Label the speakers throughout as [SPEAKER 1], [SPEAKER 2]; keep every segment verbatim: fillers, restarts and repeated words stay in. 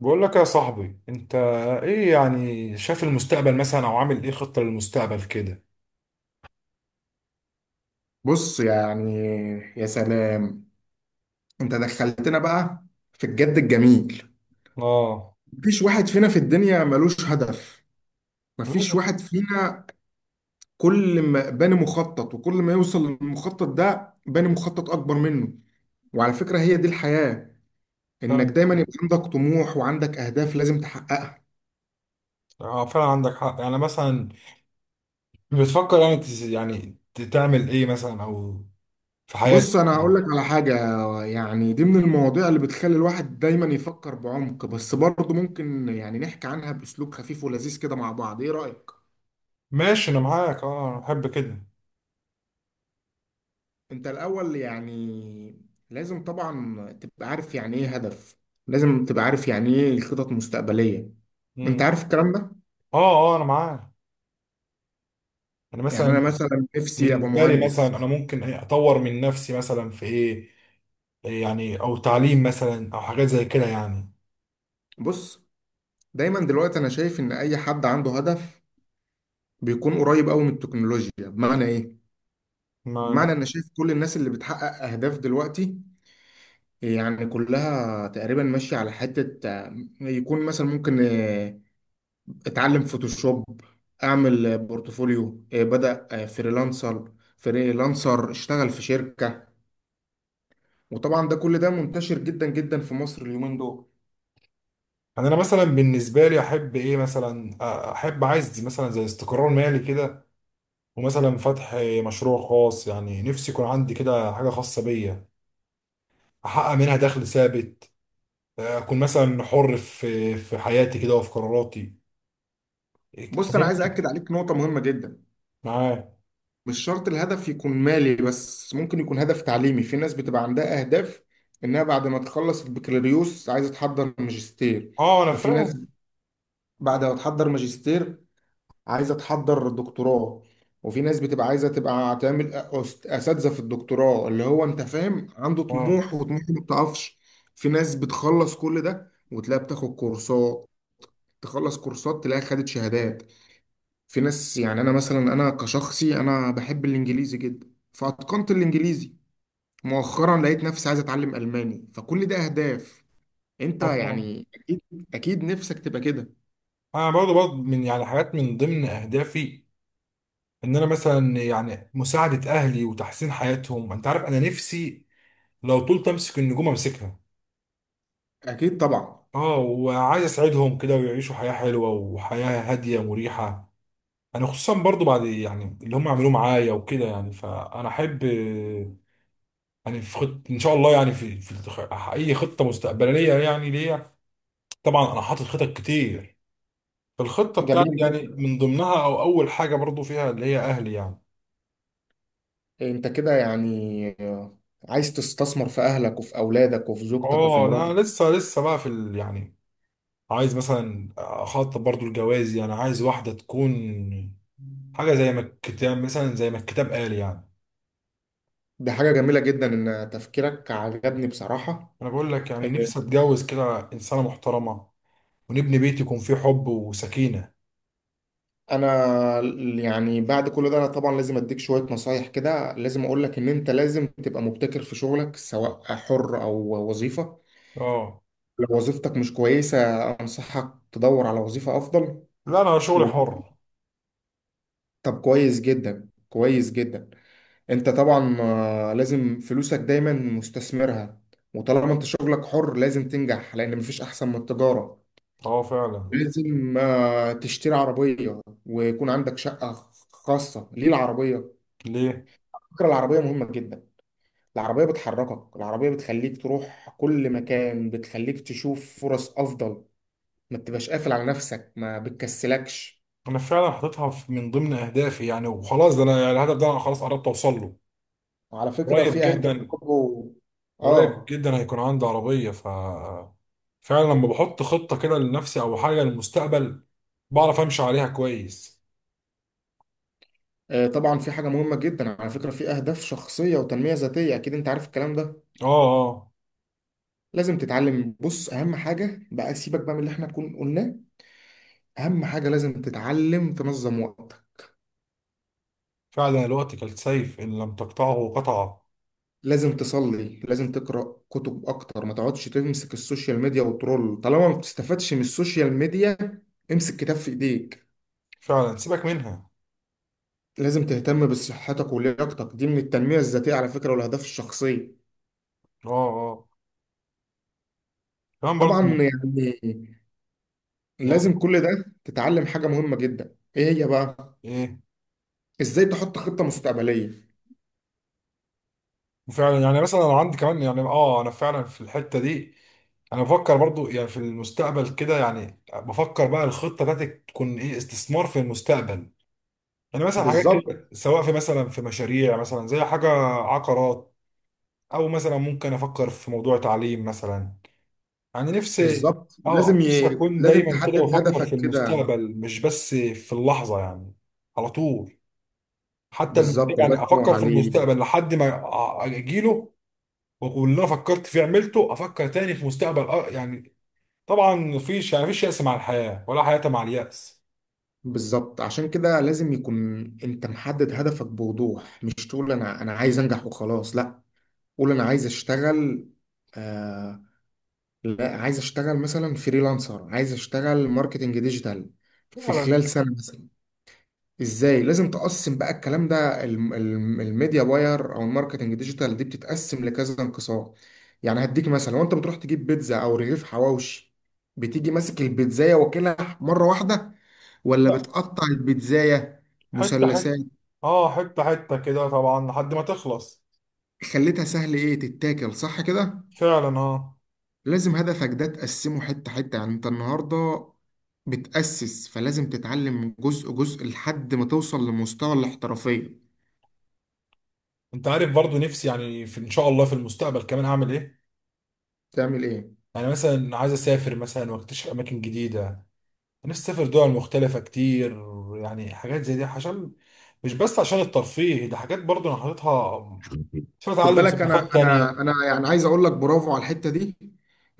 [SPEAKER 1] بقول لك يا صاحبي، انت ايه يعني؟ شايف المستقبل مثلا، او عامل ايه خطة للمستقبل كده؟
[SPEAKER 2] بص يعني، يا سلام، انت دخلتنا بقى في الجد الجميل.
[SPEAKER 1] اه،
[SPEAKER 2] مفيش واحد فينا في الدنيا ملوش هدف، مفيش
[SPEAKER 1] لازم.
[SPEAKER 2] واحد فينا. كل ما باني مخطط وكل ما يوصل للمخطط ده باني مخطط اكبر منه. وعلى فكرة هي دي الحياة، انك
[SPEAKER 1] فعلا،
[SPEAKER 2] دايما يبقى عندك طموح وعندك اهداف لازم تحققها.
[SPEAKER 1] آه، فعلا عندك حق يعني، مثلا بتفكر يعني تز- يعني ت- تعمل ايه مثلا، او في حياتك
[SPEAKER 2] بص انا
[SPEAKER 1] إيه؟
[SPEAKER 2] هقول لك على حاجة. يعني دي من المواضيع اللي بتخلي الواحد دايما يفكر بعمق، بس برضه ممكن يعني نحكي عنها باسلوب خفيف ولذيذ كده مع بعض، ايه رأيك؟
[SPEAKER 1] ماشي، انا معاك. اه، انا بحب كده.
[SPEAKER 2] انت الاول يعني لازم طبعا تبقى عارف يعني ايه هدف، لازم تبقى عارف يعني ايه الخطط المستقبليه. انت
[SPEAKER 1] امم.
[SPEAKER 2] عارف الكلام ده.
[SPEAKER 1] اه، اه، انا معاك. يعني
[SPEAKER 2] يعني انا
[SPEAKER 1] مثلا
[SPEAKER 2] مثلا نفسي ابقى
[SPEAKER 1] بالنسبه لي مثلا،
[SPEAKER 2] مهندس.
[SPEAKER 1] انا ممكن إيه؟ اطور من نفسي مثلا في ايه؟ إيه يعني، او تعليم مثلا او حاجات زي كده يعني.
[SPEAKER 2] بص، دايما دلوقتي انا شايف ان اي حد عنده هدف بيكون قريب قوي من التكنولوجيا. بمعنى ايه؟
[SPEAKER 1] ما.
[SPEAKER 2] بمعنى انا شايف كل الناس اللي بتحقق اهداف دلوقتي يعني كلها تقريبا ماشيه على حته، آه، يكون مثلا ممكن اتعلم فوتوشوب، اعمل آه، بورتفوليو، آه، بدأ آه، فريلانسر. فريلانسر اشتغل في شركة. وطبعا ده كل ده منتشر جدا جدا في مصر اليومين دول.
[SPEAKER 1] يعني انا مثلا بالنسبه لي احب ايه مثلا؟ احب، عايز مثلا زي استقرار مالي كده، ومثلا فتح مشروع خاص، يعني نفسي يكون عندي كده حاجه خاصه بيا، احقق منها دخل ثابت. اكون مثلا حر في في حياتي كده، وفي قراراتي.
[SPEAKER 2] بص انا عايز
[SPEAKER 1] فاهمني؟
[SPEAKER 2] اكد عليك نقطة مهمة جدا.
[SPEAKER 1] معايا.
[SPEAKER 2] مش شرط الهدف يكون مالي بس، ممكن يكون هدف تعليمي. في ناس بتبقى عندها اهداف انها بعد ما تخلص البكالوريوس عايزة تحضر ماجستير،
[SPEAKER 1] اه، انا
[SPEAKER 2] وفي ناس
[SPEAKER 1] فاهم.
[SPEAKER 2] بعد ما تحضر ماجستير عايزه تحضر دكتوراه، وفي ناس بتبقى عايزه تبقى تعمل أس- اساتذه في الدكتوراه، اللي هو انت فاهم عنده
[SPEAKER 1] اه،
[SPEAKER 2] طموح وطموحه ما بتقفش. في ناس بتخلص كل ده وتلاقيها بتاخد كورسات، تخلص كورسات تلاقيها خدت شهادات. في ناس يعني انا مثلا، انا كشخصي انا بحب الانجليزي جدا فاتقنت الانجليزي. مؤخرا لقيت نفسي عايز اتعلم الماني، فكل ده اهداف. انت
[SPEAKER 1] اه، فاهم.
[SPEAKER 2] يعني اكيد، اكيد نفسك تبقى كده.
[SPEAKER 1] انا برضو برضو من يعني حاجات من ضمن اهدافي، ان انا مثلا يعني مساعده اهلي وتحسين حياتهم. انت عارف، انا نفسي لو طولت امسك النجوم امسكها.
[SPEAKER 2] اكيد طبعا.
[SPEAKER 1] اه، وعايز اساعدهم كده ويعيشوا حياة حلوة وحياة هادية مريحة. انا خصوصا برضو بعد يعني اللي هم عملوه معايا وكده يعني، فانا احب. يعني في خط ان شاء الله يعني، في, في الخ- اي خطة مستقبلية يعني ليا. طبعا انا حاطط خطط كتير. فالخطة بتاعتي
[SPEAKER 2] جميل
[SPEAKER 1] يعني
[SPEAKER 2] جدا.
[SPEAKER 1] من ضمنها، او اول حاجة برضو فيها اللي هي اهلي يعني.
[SPEAKER 2] انت كده يعني عايز تستثمر في اهلك وفي اولادك وفي زوجتك وفي
[SPEAKER 1] اه،
[SPEAKER 2] مراتك.
[SPEAKER 1] انا لسه لسه بقى في ال يعني، عايز مثلا اخطط برضو الجواز، يعني عايز واحدة تكون حاجة زي ما الكتاب مثلا زي ما الكتاب قال يعني.
[SPEAKER 2] دي حاجة جميلة جدا، ان تفكيرك عجبني بصراحة.
[SPEAKER 1] انا بقول لك، يعني
[SPEAKER 2] إيه،
[SPEAKER 1] نفسي اتجوز كده انسانه محترمه، ونبني بيت يكون فيه حب وسكينه.
[SPEAKER 2] انا يعني بعد كل ده انا طبعا لازم اديك شوية نصايح كده. لازم اقول لك ان انت لازم تبقى مبتكر في شغلك سواء حر او وظيفة.
[SPEAKER 1] اه.
[SPEAKER 2] لو وظيفتك مش كويسة انصحك تدور على وظيفة افضل
[SPEAKER 1] لا، انا شغلي
[SPEAKER 2] و...
[SPEAKER 1] حر.
[SPEAKER 2] طب كويس جدا، كويس جدا. انت طبعا آه، لازم فلوسك دايما مستثمرها. وطالما انت شغلك حر لازم تنجح، لان مفيش احسن من التجارة.
[SPEAKER 1] اه، فعلا.
[SPEAKER 2] لازم آه، تشتري عربية ويكون عندك شقة خاصة. ليه العربية؟
[SPEAKER 1] ليه؟
[SPEAKER 2] فكرة العربية مهمة جدا. العربية بتحركك، العربية بتخليك تروح كل مكان، بتخليك تشوف فرص افضل. ما تبقاش قافل على نفسك، ما بتكسلكش.
[SPEAKER 1] انا فعلا حاططها في- من ضمن اهدافي يعني، وخلاص ده انا يعني الهدف ده انا خلاص قربت اوصل له.
[SPEAKER 2] وعلى فكرة
[SPEAKER 1] قريب
[SPEAKER 2] في اهداف
[SPEAKER 1] جدا.
[SPEAKER 2] برضه.
[SPEAKER 1] قريب
[SPEAKER 2] اه.
[SPEAKER 1] جدا، هيكون عندي عربيه. ف فعلا لما بحط خطه كده لنفسي او حاجه للمستقبل، بعرف امشي عليها كويس.
[SPEAKER 2] آه، طبعا في حاجة مهمة جدا على فكرة، في أهداف شخصية وتنمية ذاتية، أكيد أنت عارف الكلام ده.
[SPEAKER 1] اه، اه،
[SPEAKER 2] لازم تتعلم، بص أهم حاجة بقى، سيبك بقى من اللي إحنا كنا قلناه، أهم حاجة لازم تتعلم تنظم وقتك.
[SPEAKER 1] فعلا، الوقت كالسيف ان لم تقطعه قطعه.
[SPEAKER 2] لازم تصلي، لازم تقرأ كتب أكتر، ما تقعدش تمسك السوشيال ميديا وترول طالما ما بتستفادش من السوشيال ميديا. امسك كتاب في إيديك.
[SPEAKER 1] فعلا، سيبك منها.
[SPEAKER 2] لازم تهتم بصحتك ولياقتك، دي من التنمية الذاتية على فكرة والأهداف الشخصية.
[SPEAKER 1] اه، اه، كمان
[SPEAKER 2] طبعا
[SPEAKER 1] برضه.
[SPEAKER 2] يعني
[SPEAKER 1] يعني
[SPEAKER 2] لازم كل ده. تتعلم حاجة مهمة جدا، إيه هي بقى؟
[SPEAKER 1] ايه؟
[SPEAKER 2] ازاي تحط خطة مستقبلية.
[SPEAKER 1] وفعلا يعني مثلا انا عندي كمان، يعني اه انا فعلا في الحته دي. انا بفكر برضو يعني في المستقبل كده، يعني بفكر بقى الخطه بتاعتي تكون ايه، استثمار في المستقبل. يعني مثلا حاجات
[SPEAKER 2] بالظبط.
[SPEAKER 1] كده، سواء في مثلا في مشاريع مثلا زي حاجه عقارات، او مثلا ممكن افكر في موضوع تعليم مثلا. يعني نفسي،
[SPEAKER 2] بالظبط
[SPEAKER 1] اه
[SPEAKER 2] لازم
[SPEAKER 1] نفسي
[SPEAKER 2] ي...
[SPEAKER 1] اكون
[SPEAKER 2] لازم
[SPEAKER 1] دايما كده
[SPEAKER 2] تحدد
[SPEAKER 1] بفكر في
[SPEAKER 2] هدفك كده.
[SPEAKER 1] المستقبل مش بس في اللحظه يعني. على طول. حتى الم-
[SPEAKER 2] بالظبط، الله
[SPEAKER 1] يعني
[SPEAKER 2] ينور
[SPEAKER 1] افكر في
[SPEAKER 2] عليك.
[SPEAKER 1] المستقبل لحد ما أ- اجيله، واللي انا فكرت فيه عملته افكر تاني في مستقبل أ- يعني. طبعا مفيش يعني مفيش يأس مع الحياة ولا حياة مع اليأس.
[SPEAKER 2] بالظبط، عشان كده لازم يكون انت محدد هدفك بوضوح، مش تقول انا انا عايز انجح وخلاص، لا. قول انا عايز اشتغل آه... لا عايز اشتغل مثلا فريلانسر، عايز اشتغل ماركتنج ديجيتال في
[SPEAKER 1] فعلا.
[SPEAKER 2] خلال سنة مثلا. ازاي لازم تقسم بقى الكلام ده؟ الم- الم- الميديا باير او الماركتنج ديجيتال دي بتتقسم لكذا انقسام. يعني هديك مثلا، لو انت بتروح تجيب بيتزا او رغيف حواوشي، بتيجي ماسك البيتزاية واكلها مرة واحدة، ولا
[SPEAKER 1] لا.
[SPEAKER 2] بتقطع البيتزاية
[SPEAKER 1] حتة حتة.
[SPEAKER 2] مثلثات؟
[SPEAKER 1] اه، حتة حتة كده طبعا لحد ما تخلص.
[SPEAKER 2] خليتها سهل ايه تتاكل، صح كده؟
[SPEAKER 1] فعلا، اه.
[SPEAKER 2] لازم هدفك ده تقسمه حتة حتة. يعني انت النهاردة بتأسس، فلازم تتعلم جزء جزء لحد ما توصل لمستوى الاحترافية.
[SPEAKER 1] انت عارف، برضو نفسي يعني في ان شاء الله في المستقبل كمان اعمل ايه؟
[SPEAKER 2] تعمل ايه؟
[SPEAKER 1] يعني مثلا عايز اسافر مثلا، واكتشف اماكن جديدة. نفسي اسافر دول مختلفة كتير. يعني حاجات زي دي، عشان مش بس عشان الترفيه، ده حاجات برضو انا حاططها عشان
[SPEAKER 2] خد
[SPEAKER 1] اتعلم
[SPEAKER 2] بالك انا
[SPEAKER 1] ثقافات تانية.
[SPEAKER 2] انا انا يعني عايز اقول لك برافو على الحته دي.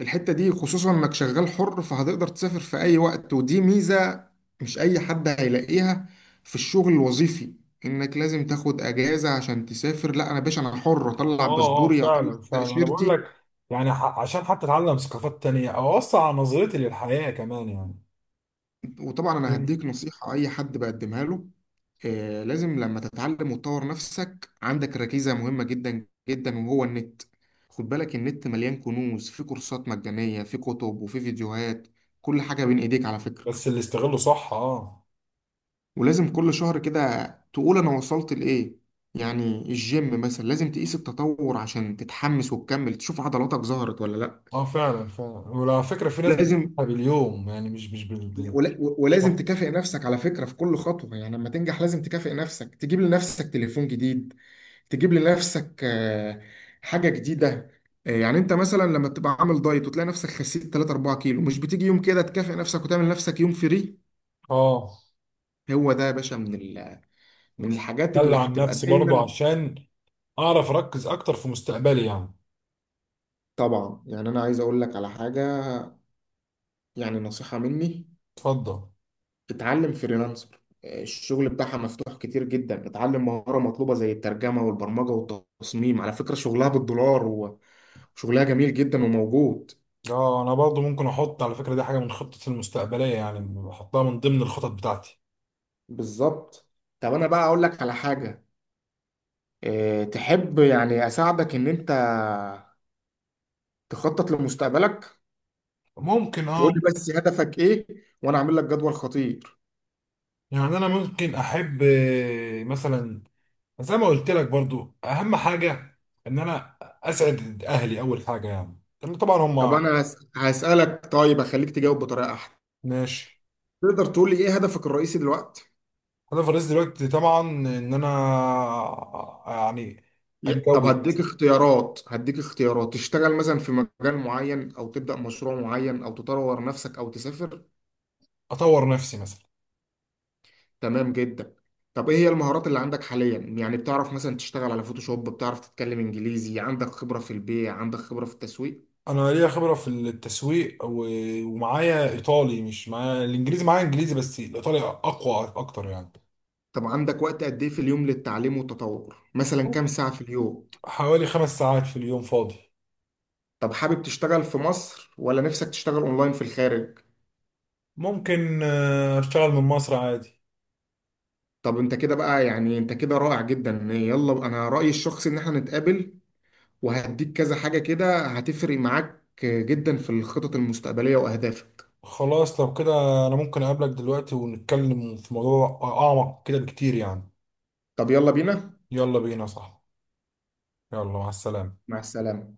[SPEAKER 2] الحته دي خصوصا انك شغال حر، فهتقدر تسافر في اي وقت، ودي ميزه مش اي حد هيلاقيها في الشغل الوظيفي. انك لازم تاخد اجازه عشان تسافر، لا انا باشا انا حر، اطلع
[SPEAKER 1] اه، اه،
[SPEAKER 2] باسبوري اطلع
[SPEAKER 1] فعلا، فعلا انا بقول
[SPEAKER 2] تاشيرتي.
[SPEAKER 1] لك يعني، ح- عشان حتى اتعلم ثقافات تانية او اوسع على نظرتي للحياة كمان يعني.
[SPEAKER 2] وطبعا انا
[SPEAKER 1] مم.
[SPEAKER 2] هديك نصيحة اي حد بقدمها له. آه، لازم لما تتعلم وتطور نفسك عندك ركيزة مهمة جدا جدا، وهو النت. خد بالك النت مليان كنوز، في كورسات مجانية، في كتب وفي فيديوهات، كل حاجة بين ايديك على فكرة.
[SPEAKER 1] بس اللي استغله صح، اه.
[SPEAKER 2] ولازم كل شهر كده تقول انا وصلت لايه. يعني الجيم مثلا لازم تقيس التطور عشان تتحمس وتكمل، تشوف عضلاتك ظهرت ولا لا.
[SPEAKER 1] اه، فعلا، فعلا. وعلى فكرة في ناس
[SPEAKER 2] لازم،
[SPEAKER 1] بتحبها باليوم يعني، مش مش بال بال-
[SPEAKER 2] ولا- ولازم
[SPEAKER 1] بالشهر.
[SPEAKER 2] تكافئ نفسك على فكرة في كل خطوة. يعني لما تنجح لازم تكافئ نفسك، تجيب لنفسك تليفون جديد، تجيب لنفسك آه، حاجة جديدة. آه، يعني انت مثلا لما تبقى عامل دايت وتلاقي نفسك خسيت تلاتة اربعة كيلو، مش بتيجي يوم كده تكافئ نفسك وتعمل نفسك يوم فري؟
[SPEAKER 1] اه.
[SPEAKER 2] هو ده يا باشا من ال... من
[SPEAKER 1] مم.
[SPEAKER 2] الحاجات اللي
[SPEAKER 1] دلع عن
[SPEAKER 2] هتبقى
[SPEAKER 1] نفسي برضو
[SPEAKER 2] دايما.
[SPEAKER 1] عشان اعرف اركز اكتر في مستقبلي يعني.
[SPEAKER 2] طبعا يعني انا عايز اقول لك على حاجة، يعني نصيحة مني.
[SPEAKER 1] اتفضل.
[SPEAKER 2] اتعلم فريلانسر، الشغل بتاعها مفتوح كتير جدا. اتعلم مهارة مطلوبة زي الترجمة والبرمجة والتصميم، على فكرة شغلها بالدولار و- وشغلها جميل جدا وموجود.
[SPEAKER 1] اه، انا برضو ممكن احط على فكرة، دي حاجة من خطتي المستقبلية، يعني بحطها من ضمن الخطط بتاعتي.
[SPEAKER 2] بالظبط. طب انا بقى اقول لك على حاجة. اه، تحب يعني اساعدك ان انت تخطط لمستقبلك؟
[SPEAKER 1] ممكن،
[SPEAKER 2] تقول
[SPEAKER 1] اه.
[SPEAKER 2] لي بس هدفك ايه وانا اعمل لك جدول خطير.
[SPEAKER 1] يعني انا ممكن احب آه، مثلا، زي ما قلت لك برضو، اهم حاجه ان انا اسعد اهلي اول حاجه، يعني لان طبعا هم.
[SPEAKER 2] طب انا هس- هسألك، طيب اخليك تجاوب بطريقة احسن.
[SPEAKER 1] ماشي.
[SPEAKER 2] تقدر تقول لي ايه هدفك الرئيسي دلوقتي؟
[SPEAKER 1] انا في الرئيس دلوقتي طبعا، ان انا يعني
[SPEAKER 2] ي-
[SPEAKER 1] اتجوز
[SPEAKER 2] طب
[SPEAKER 1] مثلا،
[SPEAKER 2] هديك اختيارات، هديك اختيارات، تشتغل مثلا في مجال معين، او تبدأ مشروع معين، او تطور نفسك، او تسافر.
[SPEAKER 1] اطور نفسي مثلا.
[SPEAKER 2] تمام جدا. طب ايه هي المهارات اللي عندك حاليا؟ يعني بتعرف مثلا تشتغل على فوتوشوب، بتعرف تتكلم انجليزي، عندك خبرة في البيع، عندك خبرة في التسويق.
[SPEAKER 1] انا ليا خبره في التسويق، و- ومعايا ايطالي. مش معايا الانجليزي، معايا انجليزي بس الايطالي اقوى اكتر يعني.
[SPEAKER 2] طب عندك وقت قد ايه في اليوم للتعليم والتطور، مثلا كام ساعة في اليوم؟
[SPEAKER 1] حوالي خمس ساعات في اليوم فاضي.
[SPEAKER 2] طب حابب تشتغل في مصر ولا نفسك تشتغل اونلاين في الخارج؟
[SPEAKER 1] ممكن آه، اشتغل من مصر عادي.
[SPEAKER 2] طب انت كده بقى، يعني انت كده رائع جدا. يلا انا رأيي الشخصي ان احنا نتقابل، وهديك كذا حاجة كده هتفرق معاك جدا في الخطط المستقبلية وأهدافك.
[SPEAKER 1] خلاص، لو كده انا ممكن اقابلك دلوقتي ونتكلم في موضوع اعمق كده بكتير يعني.
[SPEAKER 2] طب يلا بينا.
[SPEAKER 1] يلا بينا، صح. يلا، مع السلامة.
[SPEAKER 2] مع السلامة.